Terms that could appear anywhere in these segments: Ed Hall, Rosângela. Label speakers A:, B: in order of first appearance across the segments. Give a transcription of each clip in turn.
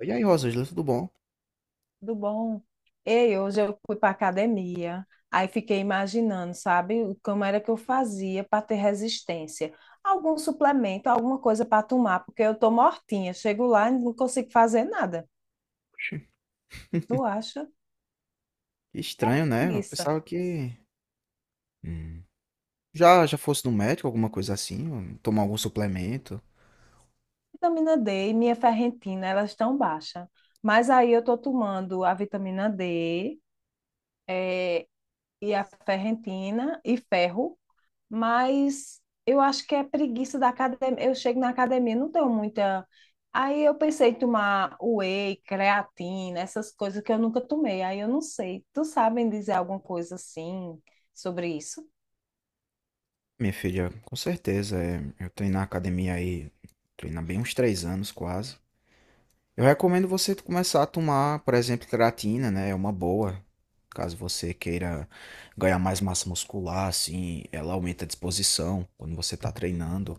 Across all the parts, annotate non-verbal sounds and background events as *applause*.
A: E aí, Rosângela, tudo bom?
B: Tudo bom? Ei, hoje eu fui para academia, aí fiquei imaginando, sabe, como era que eu fazia para ter resistência. Algum suplemento, alguma coisa para tomar, porque eu tô mortinha. Chego lá e não consigo fazer nada.
A: Oxi,
B: Tu acha?
A: que estranho, né? Eu
B: Preguiça.
A: pensava que hum, já já fosse no médico, alguma coisa assim, ou tomar algum suplemento.
B: Vitamina D e minha ferritina, elas estão baixas. Mas aí eu tô tomando a vitamina D, eh, e a ferritina e ferro. Mas eu acho que é preguiça da academia. Eu chego na academia, não tenho muita. Aí eu pensei em tomar whey, creatina, essas coisas que eu nunca tomei. Aí eu não sei. Tu sabem dizer alguma coisa assim sobre isso?
A: Minha filha, com certeza, é, eu treino na academia aí, treino há bem uns 3 anos quase. Eu recomendo você começar a tomar, por exemplo, creatina, né? É uma boa. Caso você queira ganhar mais massa muscular, assim, ela aumenta a disposição quando você tá treinando.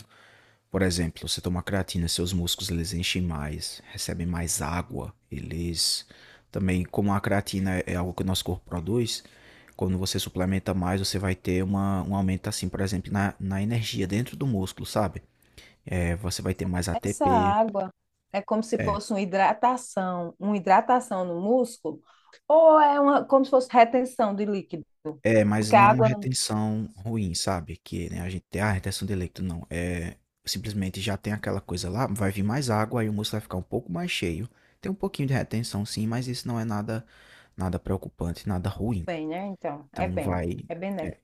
A: Por exemplo, você toma creatina, seus músculos eles enchem mais, recebem mais água, eles também, como a creatina é algo que o nosso corpo produz, quando você suplementa mais, você vai ter um aumento assim, por exemplo, na energia dentro do músculo, sabe? É, você vai ter mais
B: Essa
A: ATP.
B: água é como se fosse uma hidratação no músculo, ou é uma, como se fosse retenção de líquido?
A: É, mas
B: Porque
A: não
B: a
A: é uma
B: água não
A: retenção ruim, sabe, que, né, a gente tem: "Ah, a retenção de leite". Não, é simplesmente já tem aquela coisa lá, vai vir mais água, aí o músculo vai ficar um pouco mais cheio. Tem um pouquinho de retenção sim, mas isso não é nada preocupante, nada ruim.
B: tem, né? Então, é
A: Então
B: bem,
A: vai.
B: é benéfico.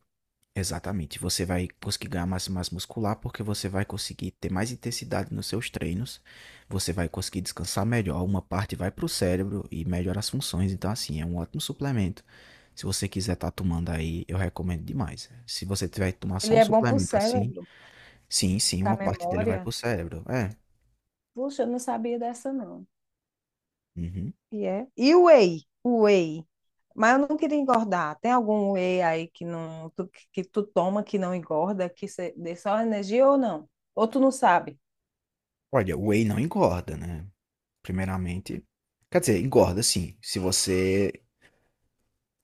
A: Exatamente. Você vai conseguir ganhar massa e massa muscular porque você vai conseguir ter mais intensidade nos seus treinos, você vai conseguir descansar melhor, uma parte vai para o cérebro e melhora as funções. Então, assim, é um ótimo suplemento. Se você quiser estar tomando aí, eu recomendo demais. Se você tiver que tomar
B: Ele
A: só um
B: é bom para o
A: suplemento assim,
B: cérebro,
A: sim, sim, uma
B: para a
A: parte dele vai
B: memória.
A: para o cérebro. É.
B: Puxa, eu não sabia dessa, não.
A: Uhum.
B: E é. E o whey? O whey. Mas eu não queria engordar. Tem algum whey aí que não que que tu toma que não engorda, que cê dê só energia ou não? Ou tu não sabe?
A: Olha, o whey não engorda, né? Primeiramente. Quer dizer, engorda sim, se você...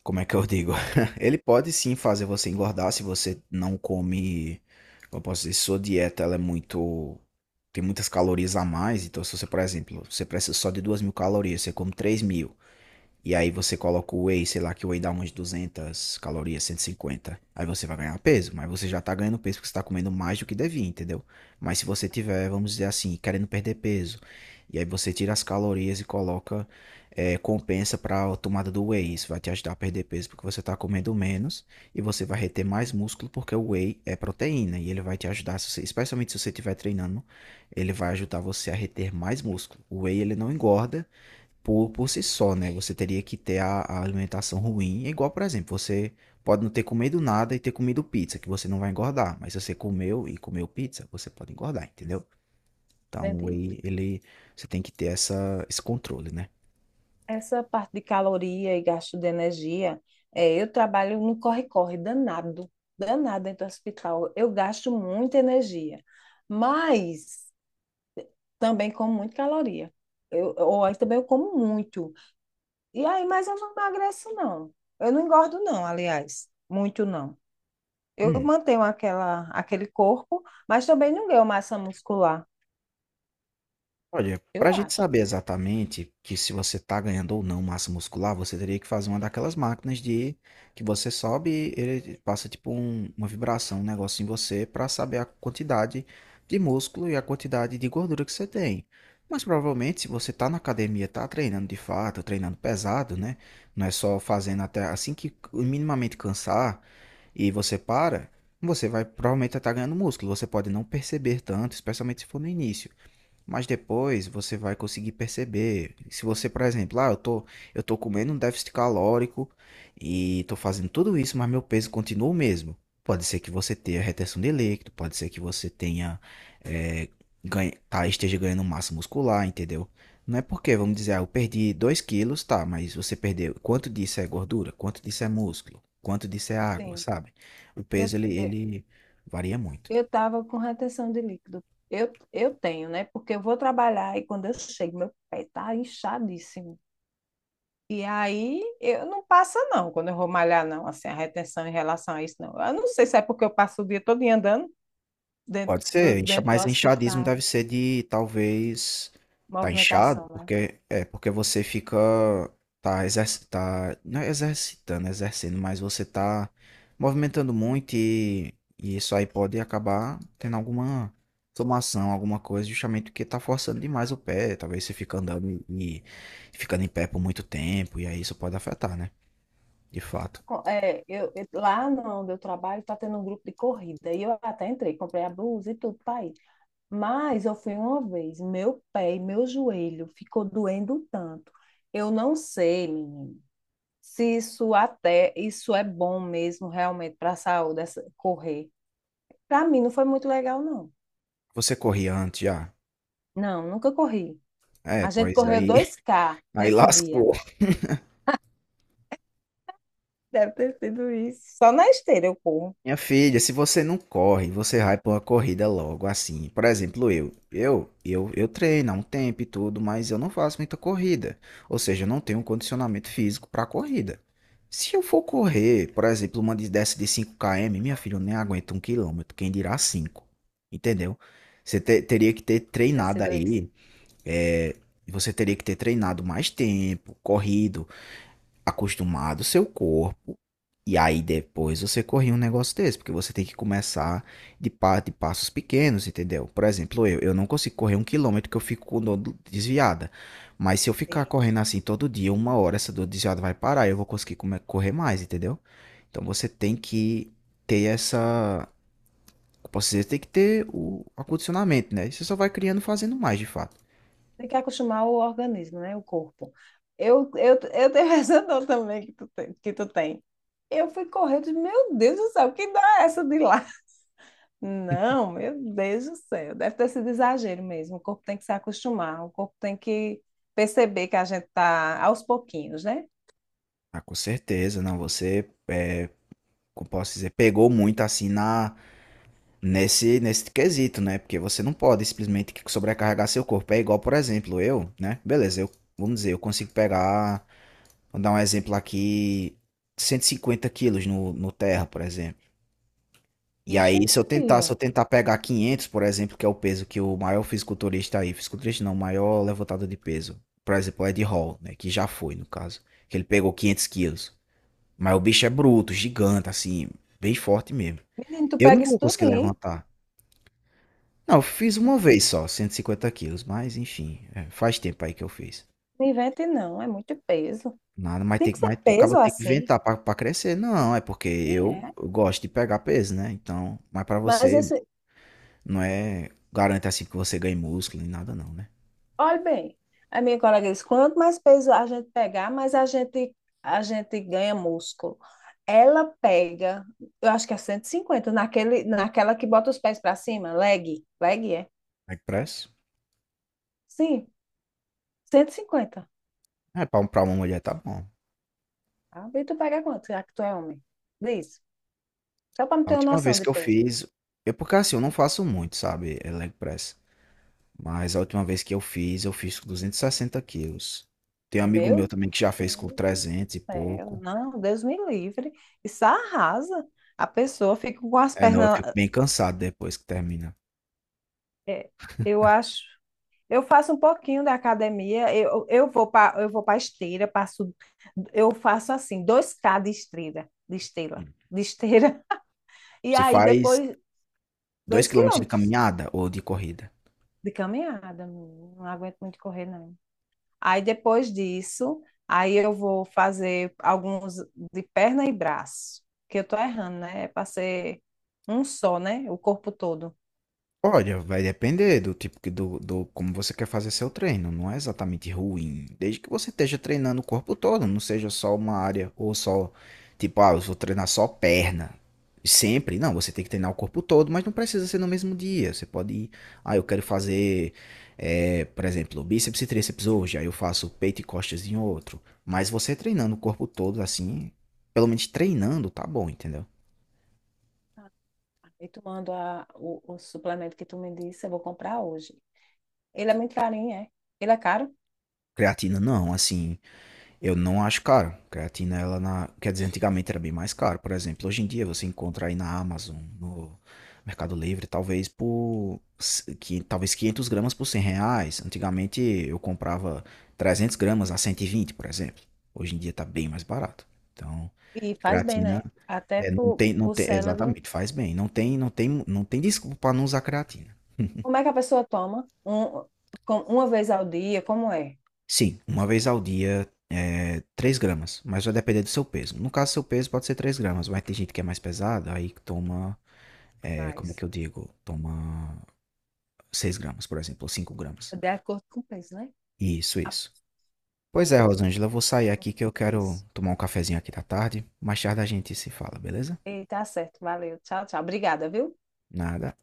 A: Como é que eu digo? *laughs* Ele pode sim fazer você engordar se você não come. Como eu posso dizer, sua dieta ela é muito... Tem muitas calorias a mais. Então, se você, por exemplo, você precisa só de 2.000 calorias, você come 3.000. E aí você coloca o whey, sei lá, que o whey dá umas 200 calorias, 150. Aí você vai ganhar peso, mas você já tá ganhando peso porque você tá comendo mais do que devia, entendeu? Mas se você tiver, vamos dizer assim, querendo perder peso, e aí você tira as calorias e coloca, compensa para a tomada do whey. Isso vai te ajudar a perder peso porque você tá comendo menos e você vai reter mais músculo porque o whey é proteína e ele vai te ajudar, se você- especialmente se você estiver treinando, ele vai ajudar você a reter mais músculo. O whey ele não engorda, por si só, né? Você teria que ter a alimentação ruim. É igual, por exemplo, você pode não ter comido nada e ter comido pizza, que você não vai engordar. Mas se você comeu e comeu pizza, você pode engordar, entendeu? Então,
B: Entendi.
A: aí ele, você tem que ter essa, esse controle, né?
B: Essa parte de caloria e gasto de energia, é, eu trabalho no corre-corre danado, danado dentro do hospital. Eu gasto muita energia, mas também como muita caloria. Ou aí também eu como muito. E aí, mas eu não emagreço, não. Eu não engordo, não, aliás. Muito não. Eu
A: Hum.
B: mantenho aquele corpo, mas também não ganho massa muscular.
A: Olha, para
B: Eu
A: a gente
B: acho.
A: saber exatamente que se você está ganhando ou não massa muscular, você teria que fazer uma daquelas máquinas de que você sobe, ele passa tipo um- uma vibração, um negócio em você para saber a quantidade de músculo e a quantidade de gordura que você tem. Mas provavelmente, se você está na academia, está treinando de fato, treinando pesado, né? Não é só fazendo até assim que minimamente cansar e você para, você vai provavelmente estar ganhando músculo. Você pode não perceber tanto, especialmente se for no início. Mas depois você vai conseguir perceber. Se você, por exemplo, ah, eu tô comendo um déficit calórico e tô fazendo tudo isso, mas meu peso continua o mesmo. Pode ser que você tenha retenção de líquido, pode ser que você tenha, eh, ganhe- tá, esteja ganhando massa muscular, entendeu? Não é porque, vamos dizer, ah, eu perdi 2 quilos, tá, mas você perdeu. Quanto disso é gordura? Quanto disso é músculo? Quanto disso é água,
B: Sim.
A: sabe? O
B: Eu,
A: peso,
B: eu
A: ele varia muito.
B: eu tava com retenção de líquido. Eu tenho, né? Porque eu vou trabalhar e quando eu chego, meu pé tá inchadíssimo. E aí eu não passa, não, quando eu vou malhar, não. Assim, a retenção em relação a isso, não. Eu não sei se é porque eu passo o dia todo andando
A: Pode ser, incha-
B: dentro do
A: mas inchadismo
B: hospital.
A: deve ser de talvez tá inchado,
B: Movimentação, né?
A: porque é porque você fica tá exerc, tá não é exercitando, é exercendo, mas você tá movimentando muito e isso aí pode acabar tendo alguma inflamação, alguma coisa, justamente porque tá forçando demais o pé, talvez você fica andando e ficando em pé por muito tempo e aí isso pode afetar, né? De fato.
B: É, lá onde eu trabalho tá tendo um grupo de corrida. E eu até entrei, comprei a blusa e tudo para ir. Mas eu fui uma vez, meu pé e meu joelho ficou doendo tanto. Eu não sei, menino, se isso até isso é bom mesmo realmente para a saúde, correr. Para mim não foi muito legal, não.
A: Você corria antes já?
B: Não, nunca corri.
A: É,
B: A gente
A: pois
B: correu
A: aí
B: dois
A: *laughs*
B: k
A: aí
B: nesse dia.
A: lascou.
B: Deve ter sido isso. Só na esteira eu corro.
A: Minha filha, se você não corre, você vai para uma corrida logo assim. Por exemplo, eu treino há um tempo e tudo, mas eu não faço muita corrida. Ou seja, eu não tenho um condicionamento físico para corrida. Se eu for correr, por exemplo, uma de- dessa de 5 km, minha filha, eu nem aguento 1 quilômetro, quem dirá 5? Entendeu? Você te- teria que ter
B: Deve ter
A: treinado
B: sido isso.
A: aí, é, você teria que ter treinado mais tempo, corrido, acostumado o seu corpo e aí depois você corrige um negócio desse, porque você tem que começar de, pa de passos pequenos, entendeu? Por exemplo, eu não consigo correr 1 quilômetro que eu fico com dor do- desviada. Mas se eu ficar correndo assim todo dia, uma hora, essa dor desviada vai parar e eu vou conseguir come- correr mais, entendeu? Então você tem que ter essa. Eu posso dizer, tem que ter o acondicionamento, né? Você só vai criando fazendo mais, de fato.
B: Tem que acostumar o organismo, né? O corpo. Eu tenho essa *laughs* dor também que tu tem. Eu fui correr, eu disse, meu Deus do céu, que dá essa de lá? Não, meu Deus do céu, deve ter sido exagero mesmo. O corpo tem que se acostumar, o corpo tem que perceber que a gente tá aos pouquinhos, né?
A: Ah, com certeza, não. Você, é, como posso dizer, pegou muito assim na... Nesse, nesse quesito, né? Porque você não pode simplesmente sobrecarregar seu corpo. É igual, por exemplo, eu, né? Beleza, eu, vamos dizer, eu consigo pegar, vou dar um exemplo aqui, 150 quilos no terra, por exemplo. E
B: Vixe
A: aí,
B: Maria,
A: se eu tentar pegar 500, por exemplo, que é o peso que o maior fisiculturista aí, fisiculturista não, o maior levantador de peso, por exemplo, o Ed Hall, né? Que já foi, no caso, que ele pegou 500 quilos. Mas o bicho é bruto, gigante, assim, bem forte mesmo.
B: menino, tu
A: Eu não
B: pega isso
A: vou
B: tudo,
A: conseguir
B: hein?
A: levantar. Não, eu fiz uma vez só, 150 quilos, mas enfim, é, faz tempo aí que eu fiz.
B: Não invente não, é muito peso.
A: Nada, mas
B: Tem
A: tem,
B: que
A: que-
B: ser
A: mas o cabo
B: peso
A: tem que
B: assim,
A: inventar pra crescer. Não, é porque
B: e
A: eu,
B: é.
A: gosto de pegar peso, né? Então, mas pra
B: Mas
A: você
B: esse,
A: não é garante assim que você ganhe músculo nem nada não, né?
B: Olha bem, a minha colega disse, quanto mais peso a gente pegar, mais a gente ganha músculo. Ela pega, eu acho que é 150 naquela que bota os pés para cima, leg é?
A: Leg press?
B: Sim, 150.
A: É, pra, um, pra uma mulher tá bom.
B: Ah, e tu pega quanto, já que tu é homem? Diz, só para não
A: A
B: ter uma
A: última
B: noção
A: vez
B: de
A: que eu
B: peso.
A: fiz, é porque assim, eu não faço muito, sabe? É leg press. Mas a última vez que eu fiz com 260 quilos. Tem um
B: Meu
A: amigo meu
B: Deus
A: também que já fez com
B: do
A: trezentos e
B: céu,
A: pouco.
B: não, Deus me livre. Isso arrasa. A pessoa fica com as
A: É, não, eu
B: pernas,
A: fico bem cansado depois que termina.
B: é, eu acho. Eu faço um pouquinho da academia, eu vou para esteira, passo eu faço assim, 2 km de esteira, de esteira,
A: Hum.
B: de esteira, *laughs* e
A: Você
B: aí
A: faz
B: depois
A: 2
B: 2
A: quilômetros de
B: quilômetros
A: caminhada ou de corrida?
B: de caminhada, não aguento muito correr não. Aí depois disso, aí eu vou fazer alguns de perna e braço, que eu tô errando, né? É para ser um só, né? O corpo todo.
A: Olha, vai depender do tipo que do, do como você quer fazer seu treino. Não é exatamente ruim, desde que você esteja treinando o corpo todo, não seja só uma área ou só tipo, ah, eu vou treinar só perna. Sempre, não, você tem que treinar o corpo todo, mas não precisa ser no mesmo dia. Você pode ir, ah, eu quero fazer, por exemplo, bíceps e tríceps hoje, aí eu faço peito e costas em outro. Mas você treinando o corpo todo assim, pelo menos treinando, tá bom, entendeu?
B: E tomando o suplemento que tu me disse, eu vou comprar hoje. Ele é muito carinho, é? Ele é caro?
A: Creatina não, assim. Eu não acho caro. Creatina, ela na... Quer dizer, antigamente era bem mais caro. Por exemplo, hoje em dia você encontra aí na Amazon, no Mercado Livre, talvez por. S- Que, talvez 500 gramas por R$ 100. Antigamente eu comprava 300 gramas a 120, por exemplo. Hoje em dia tá bem mais barato. Então,
B: E faz bem,
A: creatina.
B: né? Até
A: É, não
B: pro,
A: tem, não
B: pro
A: tem,
B: cérebro.
A: exatamente, faz bem. Não tem desculpa para não usar creatina.
B: Como é que a pessoa toma? Uma vez ao dia, como é?
A: Sim, uma vez ao dia é 3 gramas, mas vai depender do seu peso. No caso, seu peso pode ser 3 gramas, mas tem gente que é mais pesada, aí que toma, é, como é que
B: Mas,
A: eu digo? Toma 6 gramas, por exemplo, ou 5 gramas.
B: de acordo com o peso, né?
A: Isso,
B: Ah,
A: isso. Pois
B: pronto.
A: é, Rosângela, eu vou sair
B: Vou
A: aqui que eu
B: fazer
A: quero
B: isso.
A: tomar um cafezinho aqui da tarde. Mais tarde a gente se fala, beleza?
B: E tá certo. Valeu. Tchau, tchau. Obrigada, viu?
A: Nada.